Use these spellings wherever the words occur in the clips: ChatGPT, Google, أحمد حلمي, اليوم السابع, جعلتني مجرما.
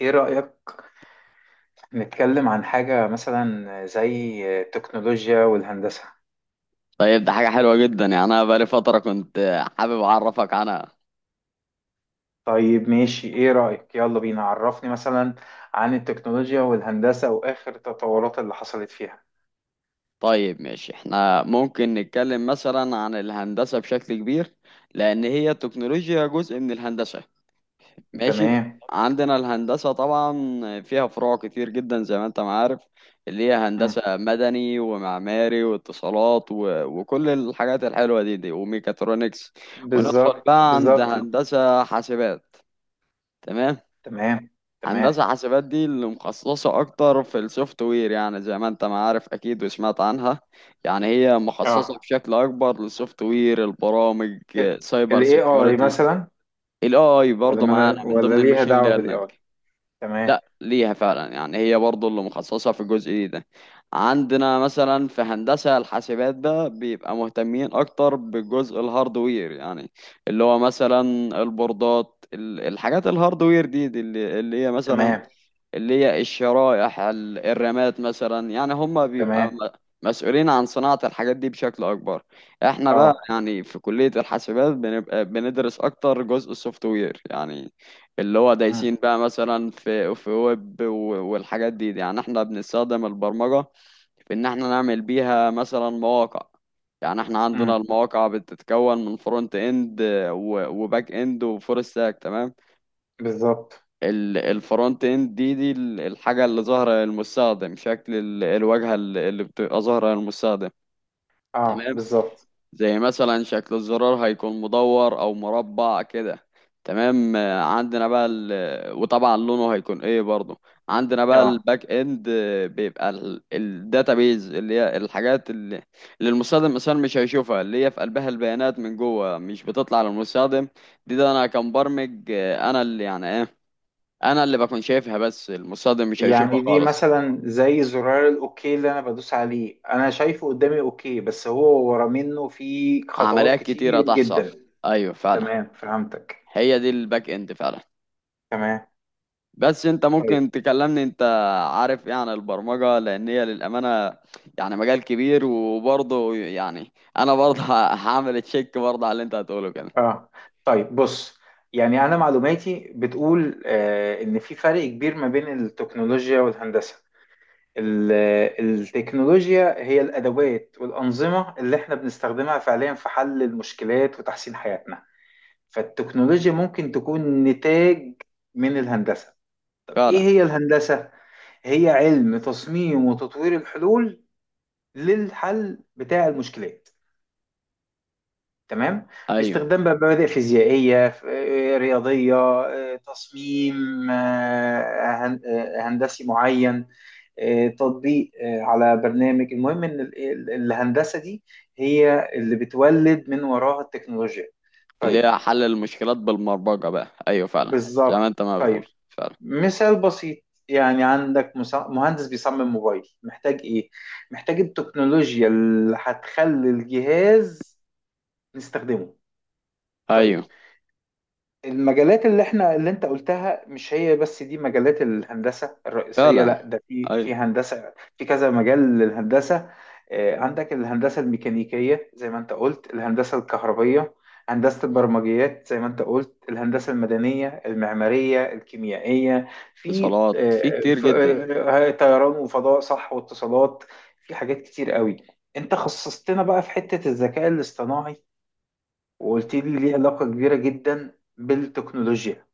ايه رأيك نتكلم عن حاجة مثلا زي التكنولوجيا والهندسة؟ طيب ده حاجة حلوة جدا، يعني أنا بقالي فترة كنت حابب أعرفك عنها. طيب ماشي، ايه رأيك؟ يلا بينا، عرفني مثلا عن التكنولوجيا والهندسة واخر التطورات اللي حصلت فيها. طيب ماشي، احنا ممكن نتكلم مثلا عن الهندسة بشكل كبير، لأن هي التكنولوجيا جزء من الهندسة. ماشي. تمام. عندنا الهندسة طبعا فيها فروع كتير جدا زي ما أنت ما عارف، اللي هي مم. هندسة مدني ومعماري واتصالات وكل الحاجات الحلوة دي وميكاترونكس. وندخل بالظبط بقى عند بالظبط. هندسة حاسبات. تمام. تمام تمام. هندسة حاسبات دي اللي مخصصة أكتر في السوفت وير، يعني زي ما أنت ما عارف أكيد وسمعت عنها. يعني هي مخصصة اه. بشكل أكبر للسوفت وير، البرامج، ال سايبر ال AI سيكيورتي. مثلا. ال AI برضه معانا من ولا ضمن ليها الماشين دعوة بال ليرنينج. AI؟ تمام لا ليها فعلا، يعني هي برضه اللي مخصصة في الجزء ده. عندنا مثلا في هندسة الحاسبات ده بيبقى مهتمين أكتر بجزء الهاردوير، يعني اللي هو مثلا البوردات، الحاجات الهاردوير دي اللي هي مثلا تمام اللي هي الشرائح، الرماد مثلا، يعني هم بيبقى تمام. مسؤولين عن صناعة الحاجات دي بشكل أكبر. احنا بقى اه. يعني في كلية الحاسبات بنبقى بندرس أكتر جزء السوفت وير، يعني اللي هو مم. دايسين بقى مثلا في ويب والحاجات دي، يعني احنا بنستخدم البرمجة في إن احنا نعمل بيها مثلا مواقع. يعني احنا عندنا مم. المواقع بتتكون من فرونت اند وباك اند وفول ستاك. تمام. بالظبط. الفرونت اند دي الحاجة اللي ظاهرة للمستخدم، شكل الواجهة اللي بتبقى ظاهرة للمستخدم. اه، تمام. بالظبط. زي مثلا شكل الزرار هيكون مدور او مربع كده. تمام. عندنا بقى وطبعا لونه هيكون ايه برضه. عندنا بقى اه، الباك اند، بيبقى الداتابيز، اللي هي الحاجات اللي المستخدم مثلا مش هيشوفها، اللي هي في قلبها البيانات من جوه مش بتطلع للمستخدم. دي انا كمبرمج، انا اللي يعني ايه، انا اللي بكون شايفها بس المصادم مش هيشوفها يعني دي خالص. مثلا زي زرار الاوكي اللي انا بدوس عليه، انا شايفه قدامي اوكي بس هو ورا منه في خطوات عمليات كتيرة كتير تحصل، جدا. ايوه فعلا. تمام، فهمتك. هي دي الباك اند فعلا. تمام. بس انت طيب. ممكن تكلمني انت عارف ايه عن البرمجة، لان هي للأمانة يعني مجال كبير وبرضه يعني انا برضه هعمل تشيك برضه على اللي انت هتقوله كده. اه طيب بص، يعني انا معلوماتي بتقول ان في فرق كبير ما بين التكنولوجيا والهندسة. ال- التكنولوجيا هي الادوات والانظمة اللي احنا بنستخدمها فعليا في حل المشكلات وتحسين حياتنا، فالتكنولوجيا ممكن تكون نتاج من الهندسة. ايه فعلا، هي الهندسة؟ هي علم تصميم وتطوير الحلول للحل بتاع المشكلات، تمام؟ ايوه باستخدام بقى مبادئ فيزيائية، رياضية، تصميم هندسي معين، تطبيق على برنامج. المهم ان الهندسة دي هي اللي بتولد من وراها التكنولوجيا. اللي طيب. هي حل المشكلات بالبرمجة بقى، ايوه فعلا زي ما بالظبط. انت ما بتقول طيب، فعلا. مثال بسيط. يعني عندك مهندس بيصمم موبايل، محتاج ايه؟ محتاج التكنولوجيا اللي هتخلي الجهاز نستخدمه. طيب، ايوه. المجالات اللي احنا اللي انت قلتها مش هي بس دي مجالات الهندسة الرئيسية، فعلا. لا ده في ايوه. هندسة، في كذا مجال للهندسة. عندك الهندسة الميكانيكية زي ما انت قلت، الهندسة الكهربية، هندسة البرمجيات زي ما انت قلت، الهندسة المدنية، المعمارية، الكيميائية، في اتصالات في كتير جدا. طيران وفضاء، صح، واتصالات، في حاجات كتير قوي. انت خصصتنا بقى في حتة الذكاء الاصطناعي وقلت لي ليه علاقة كبيرة جدا بالتكنولوجيا.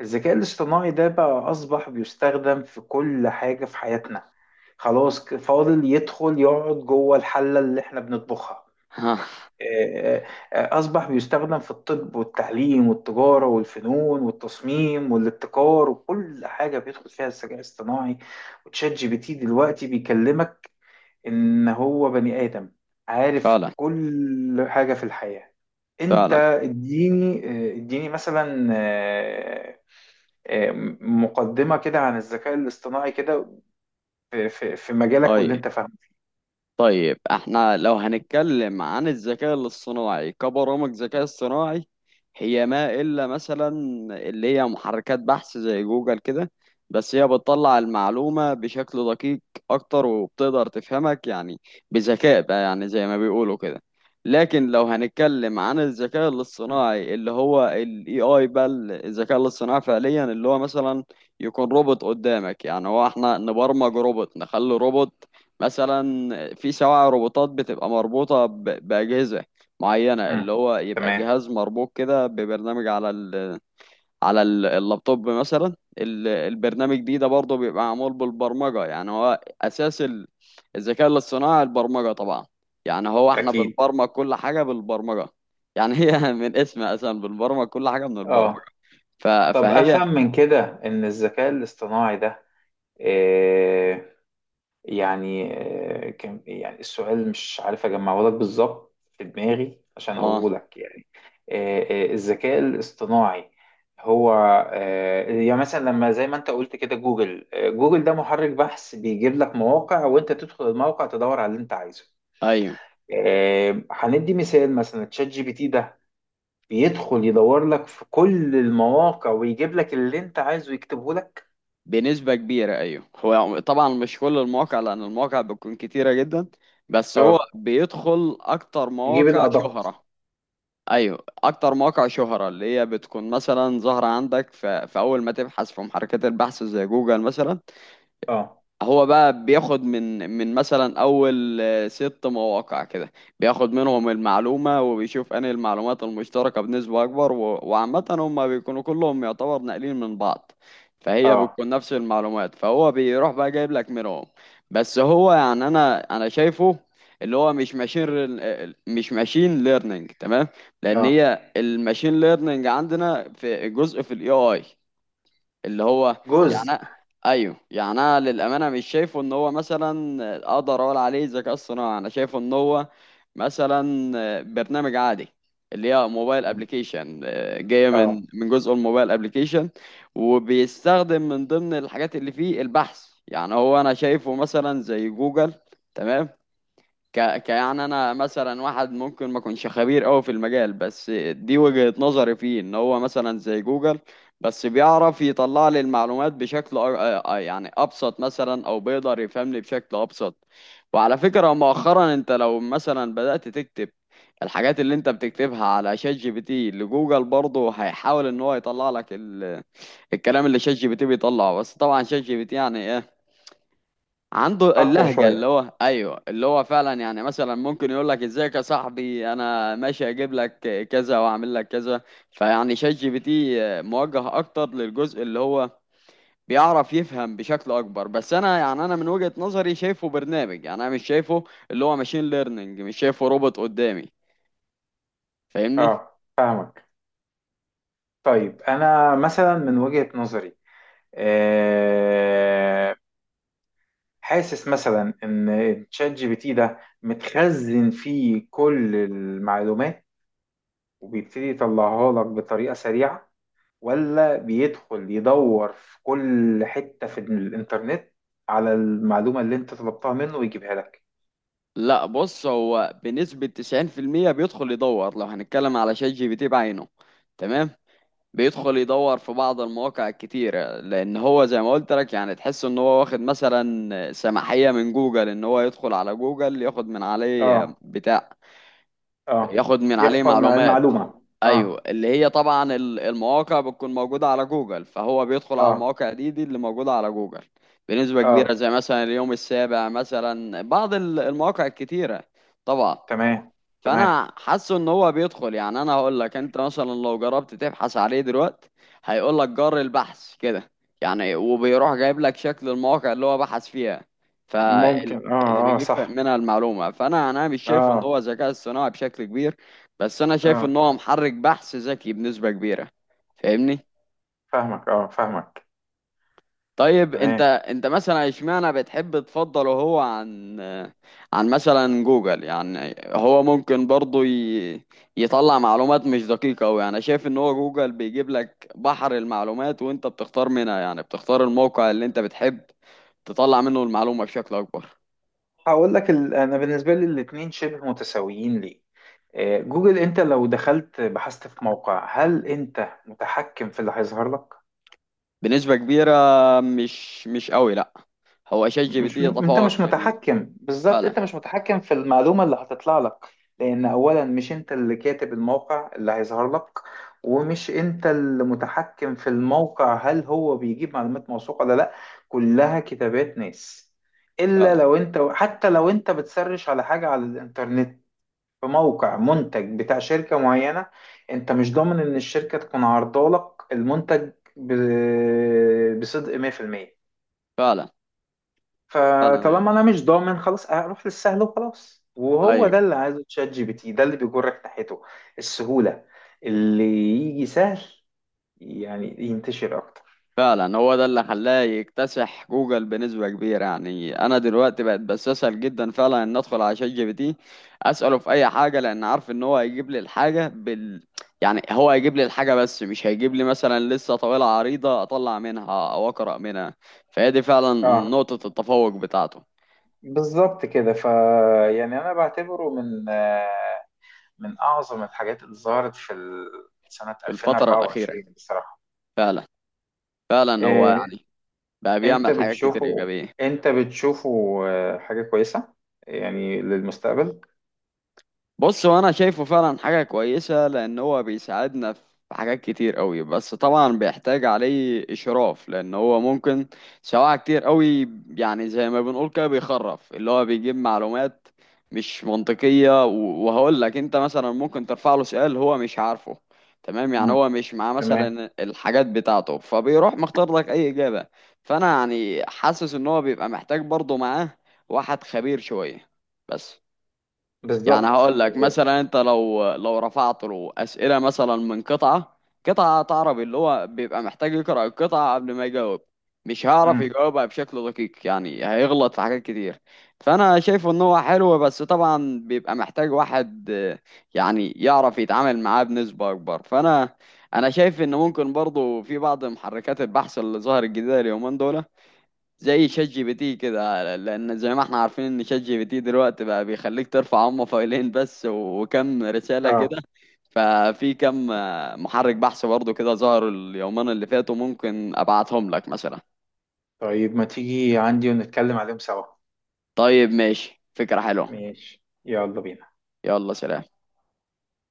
الذكاء الاصطناعي ده بقى أصبح بيستخدم في كل حاجة في حياتنا، خلاص فاضل يدخل يقعد جوه الحلة اللي احنا بنطبخها. ها. آه، آه، أصبح بيستخدم في الطب والتعليم والتجارة والفنون والتصميم والابتكار، وكل حاجة بيدخل فيها الذكاء الاصطناعي. وتشات جي بي تي دلوقتي بيكلمك ان هو بني ادم عارف فعلا. كل حاجة في الحياة. انت فعلا. اديني مثلا آه، مقدمة كده عن الذكاء الاصطناعي كده في مجالك واللي طيب. انت فاهمه. طيب احنا لو هنتكلم عن الذكاء الاصطناعي كبرامج ذكاء اصطناعي، هي ما الا مثلا اللي هي محركات بحث زي جوجل كده، بس هي بتطلع المعلومة بشكل دقيق اكتر وبتقدر تفهمك يعني، بذكاء بقى يعني زي ما بيقولوا كده. لكن لو هنتكلم عن الذكاء الاصطناعي اللي هو ال AI بقى، الذكاء الاصطناعي فعليا اللي هو مثلا يكون روبوت قدامك. يعني هو احنا نبرمج روبوت، نخلي روبوت مثلا، في سواع روبوتات بتبقى مربوطة بأجهزة معينة، اللي مم. هو يبقى تمام. جهاز مربوط كده ببرنامج على ال، على اللابتوب مثلا. البرنامج ده برضه بيبقى معمول بالبرمجة، يعني هو أساس الذكاء الاصطناعي البرمجة طبعا. يعني هو احنا اكيد. بنبرمج كل حاجة بالبرمجة، يعني هي من اسمها أصلا بنبرمج كل حاجة من البرمجة. اه. ف- طب فهي. افهم من كده ان الذكاء الاصطناعي ده آه، يعني كان، يعني السؤال مش عارف اجمعه لك بالظبط في دماغي عشان اه. اقوله لك. يعني آه، الذكاء الاصطناعي هو يعني مثلا لما زي ما انت قلت كده، جوجل ده محرك بحث بيجيب لك مواقع، وانت تدخل الموقع تدور على اللي انت عايزه. ايوه هندي مثال، مثلا تشات جي بي تي ده بيدخل يدور لك في كل المواقع ويجيب لك اللي انت عايزه يكتبه لك. بنسبة كبيرة، أيوه هو طبعا مش كل المواقع، لأن المواقع بتكون كتيرة جدا، بس هو اه، بيدخل أكتر يجيب مواقع الادق. شهرة. أيوه أكتر مواقع شهرة، اللي هي بتكون مثلا ظاهرة عندك في أول ما تبحث في محركات البحث زي جوجل مثلا. اه. هو بقى بياخد من مثلا اول ست مواقع كده، بياخد منهم المعلومه وبيشوف انهي المعلومات المشتركه بنسبه اكبر، وعامه هم بيكونوا كلهم يعتبر ناقلين من بعض، فهي اه. بتكون نفس المعلومات، فهو بيروح بقى جايب لك منهم. بس هو يعني انا شايفه اللي هو مش مش ماشين ليرنينج تمام، لان اه. هي الماشين ليرنينج عندنا في جزء في الاي اي، اللي هو جزء. يعني ايوه يعني انا للامانه مش شايفه ان هو مثلا اقدر اقول عليه ذكاء اصطناعي، انا شايفه ان هو مثلا برنامج عادي، اللي هي موبايل ابلكيشن جايه اه، من جزء الموبايل ابلكيشن، وبيستخدم من ضمن الحاجات اللي فيه البحث. يعني هو انا شايفه مثلا زي جوجل، تمام. ك... ك يعني انا مثلا واحد ممكن ما اكونش خبير قوي في المجال، بس دي وجهة نظري فيه، ان هو مثلا زي جوجل بس بيعرف يطلع لي المعلومات بشكل يعني ابسط مثلا، او بيقدر يفهمني بشكل ابسط. وعلى فكرة مؤخرا انت لو مثلا بدأت تكتب الحاجات اللي انت بتكتبها على شات جي بي تي لجوجل، برضه هيحاول ان هو يطلع لك الكلام اللي شات جي بي تي بيطلعه. بس طبعا شات جي بي تي يعني عنده اقوى اللهجة اللي شويه. هو ايوه اللي هو فعلا، يعني مثلا ممكن يقول لك ازيك يا صاحبي انا ماشي اجيب لك كذا واعمل لك كذا. فيعني شات جي بي تي موجه اكتر للجزء اللي هو بيعرف يفهم بشكل اكبر. بس انا يعني انا من وجهة نظري شايفه برنامج، يعني انا مش شايفه اللي هو ماشين ليرنينج، مش شايفه روبوت قدامي، فاهمني. اه، فاهمك. طيب، انا مثلا من وجهه نظري آه، حاسس مثلا ان تشات جي بي تي ده متخزن فيه كل المعلومات وبيبتدي يطلعها لك بطريقه سريعه، ولا بيدخل يدور في كل حته في الانترنت على المعلومه اللي انت طلبتها منه ويجيبها لك؟ لا بص، هو بنسبة 90% بيدخل يدور لو هنتكلم على شات جي بي تي بعينه. تمام، بيدخل يدور في بعض المواقع الكتيرة، لأن هو زي ما قلت لك يعني تحس إن هو واخد مثلا سماحية من جوجل إن هو يدخل على جوجل ياخد من عليه اه. بتاع، اه، ياخد من عليه يختار مع معلومات. المعلومه. أيوه اه. اللي هي طبعا المواقع بتكون موجودة على جوجل، فهو بيدخل على اه. المواقع دي اللي موجودة على جوجل بنسبة كبيرة، اه. زي مثلا اليوم السابع مثلا، بعض المواقع الكتيرة. طبعا. تمام تمام. فانا حاسه ان هو بيدخل، يعني انا هقول لك انت مثلا لو جربت تبحث عليه دلوقتي هيقول لك جر البحث كده، يعني وبيروح جايب لك شكل المواقع اللي هو بحث فيها، ممكن، فاللي اه. اه، بيجيب صح. منها المعلومة. فانا انا مش شايف ان هو اه. ذكاء اصطناعي بشكل كبير، بس انا شايف اه، ان هو محرك بحث ذكي بنسبة كبيرة، فاهمني. فاهمك، اه، فاهمك. طيب تمام. انت مثلا اشمعنى بتحب تفضله هو عن، عن مثلا جوجل، يعني هو ممكن برضه يطلع معلومات مش دقيقة أوي، يعني شايف ان هو جوجل بيجيب لك بحر المعلومات وانت بتختار منها، يعني بتختار الموقع اللي انت بتحب تطلع منه المعلومة بشكل اكبر. هقول لك. انا بالنسبه لي الاثنين شبه متساويين. ليه؟ جوجل، انت لو دخلت بحثت في موقع، هل انت متحكم في اللي هيظهر لك؟ بنسبة كبيرة. مش قوي لا، هو شات جي بي مش تي م... انت يتفوق مش في متحكم بالظبط، انت فعلا. مش متحكم في المعلومه اللي هتطلع لك. لان اولا مش انت اللي كاتب الموقع اللي هيظهر لك، ومش انت اللي متحكم في الموقع، هل هو بيجيب معلومات موثوقه ولا لا. كلها كتابات ناس. الا فعلا. لو انت حتى لو انت بتسرش على حاجه على الانترنت، في موقع منتج بتاع شركه معينه، انت مش ضامن ان الشركه تكون عارضه لك المنتج بصدق 100%. فعلا. فعلا. ايوه. فطالما انا مش ضامن، خلاص اروح للسهل وخلاص، وهو أيوه. ده اللي عايزه تشات جي بي تي، ده اللي بيجرك ناحيته. السهولة، اللي يجي سهل، يعني ينتشر اكتر. فعلا هو ده اللي خلاه يكتسح جوجل بنسبة كبيرة، يعني أنا دلوقتي بقت بستسهل جدا فعلا إن أدخل على شات جي بي تي أسأله في أي حاجة، لأن عارف إن هو هيجيب لي الحاجة بال، يعني هو هيجيب لي الحاجة بس مش هيجيب لي مثلا لسه طويلة عريضة أطلع منها أو أقرأ منها، فهي دي فعلا اه، نقطة التفوق بتاعته. بالظبط كده. يعني انا بعتبره من اعظم الحاجات اللي ظهرت في سنة في الفترة الأخيرة 2024 بصراحة. فعلا. فعلا هو إيه، يعني بقى انت بيعمل حاجات كتير بتشوفه، إيجابية. انت بتشوفه حاجة كويسة يعني للمستقبل؟ بص هو انا شايفه فعلا حاجة كويسة، لان هو بيساعدنا في حاجات كتير قوي. بس طبعا بيحتاج عليه اشراف، لان هو ممكن سواء كتير قوي، يعني زي ما بنقول كده بيخرف، اللي هو بيجيب معلومات مش منطقية. وهقول لك انت مثلا ممكن ترفع له سؤال هو مش عارفه، تمام، يعني امم، هو مش معاه تمام. مثلا الحاجات بتاعته، فبيروح مختار لك اي اجابة. فانا يعني حاسس ان هو بيبقى محتاج برضه معاه واحد خبير شوية بس. يعني بالظبط هقول لك بالظبط. مثلا انت لو رفعت له اسئله مثلا من قطعه، قطعه عربي، اللي هو بيبقى محتاج يقرا القطعه قبل ما يجاوب، مش هيعرف يجاوبها بشكل دقيق، يعني هيغلط في حاجات كتير. فانا شايفه ان هو حلو، بس طبعا بيبقى محتاج واحد يعني يعرف يتعامل معاه بنسبه اكبر. فانا انا شايف ان ممكن برضه في بعض محركات البحث اللي ظهرت جديده اليومين دول زي شات جي بي تي كده، لان زي ما احنا عارفين ان شات جي بي تي دلوقتي بقى بيخليك ترفع هم فايلين بس وكم رسالة امم. كده. ففي كم محرك بحث برضه كده ظهر اليومين اللي فاتوا، ممكن ابعتهم لك مثلا. طيب، ما تيجي عندي ونتكلم عليهم سوا؟ طيب ماشي، فكرة حلوة. ماشي، يلا بينا. يلا سلام.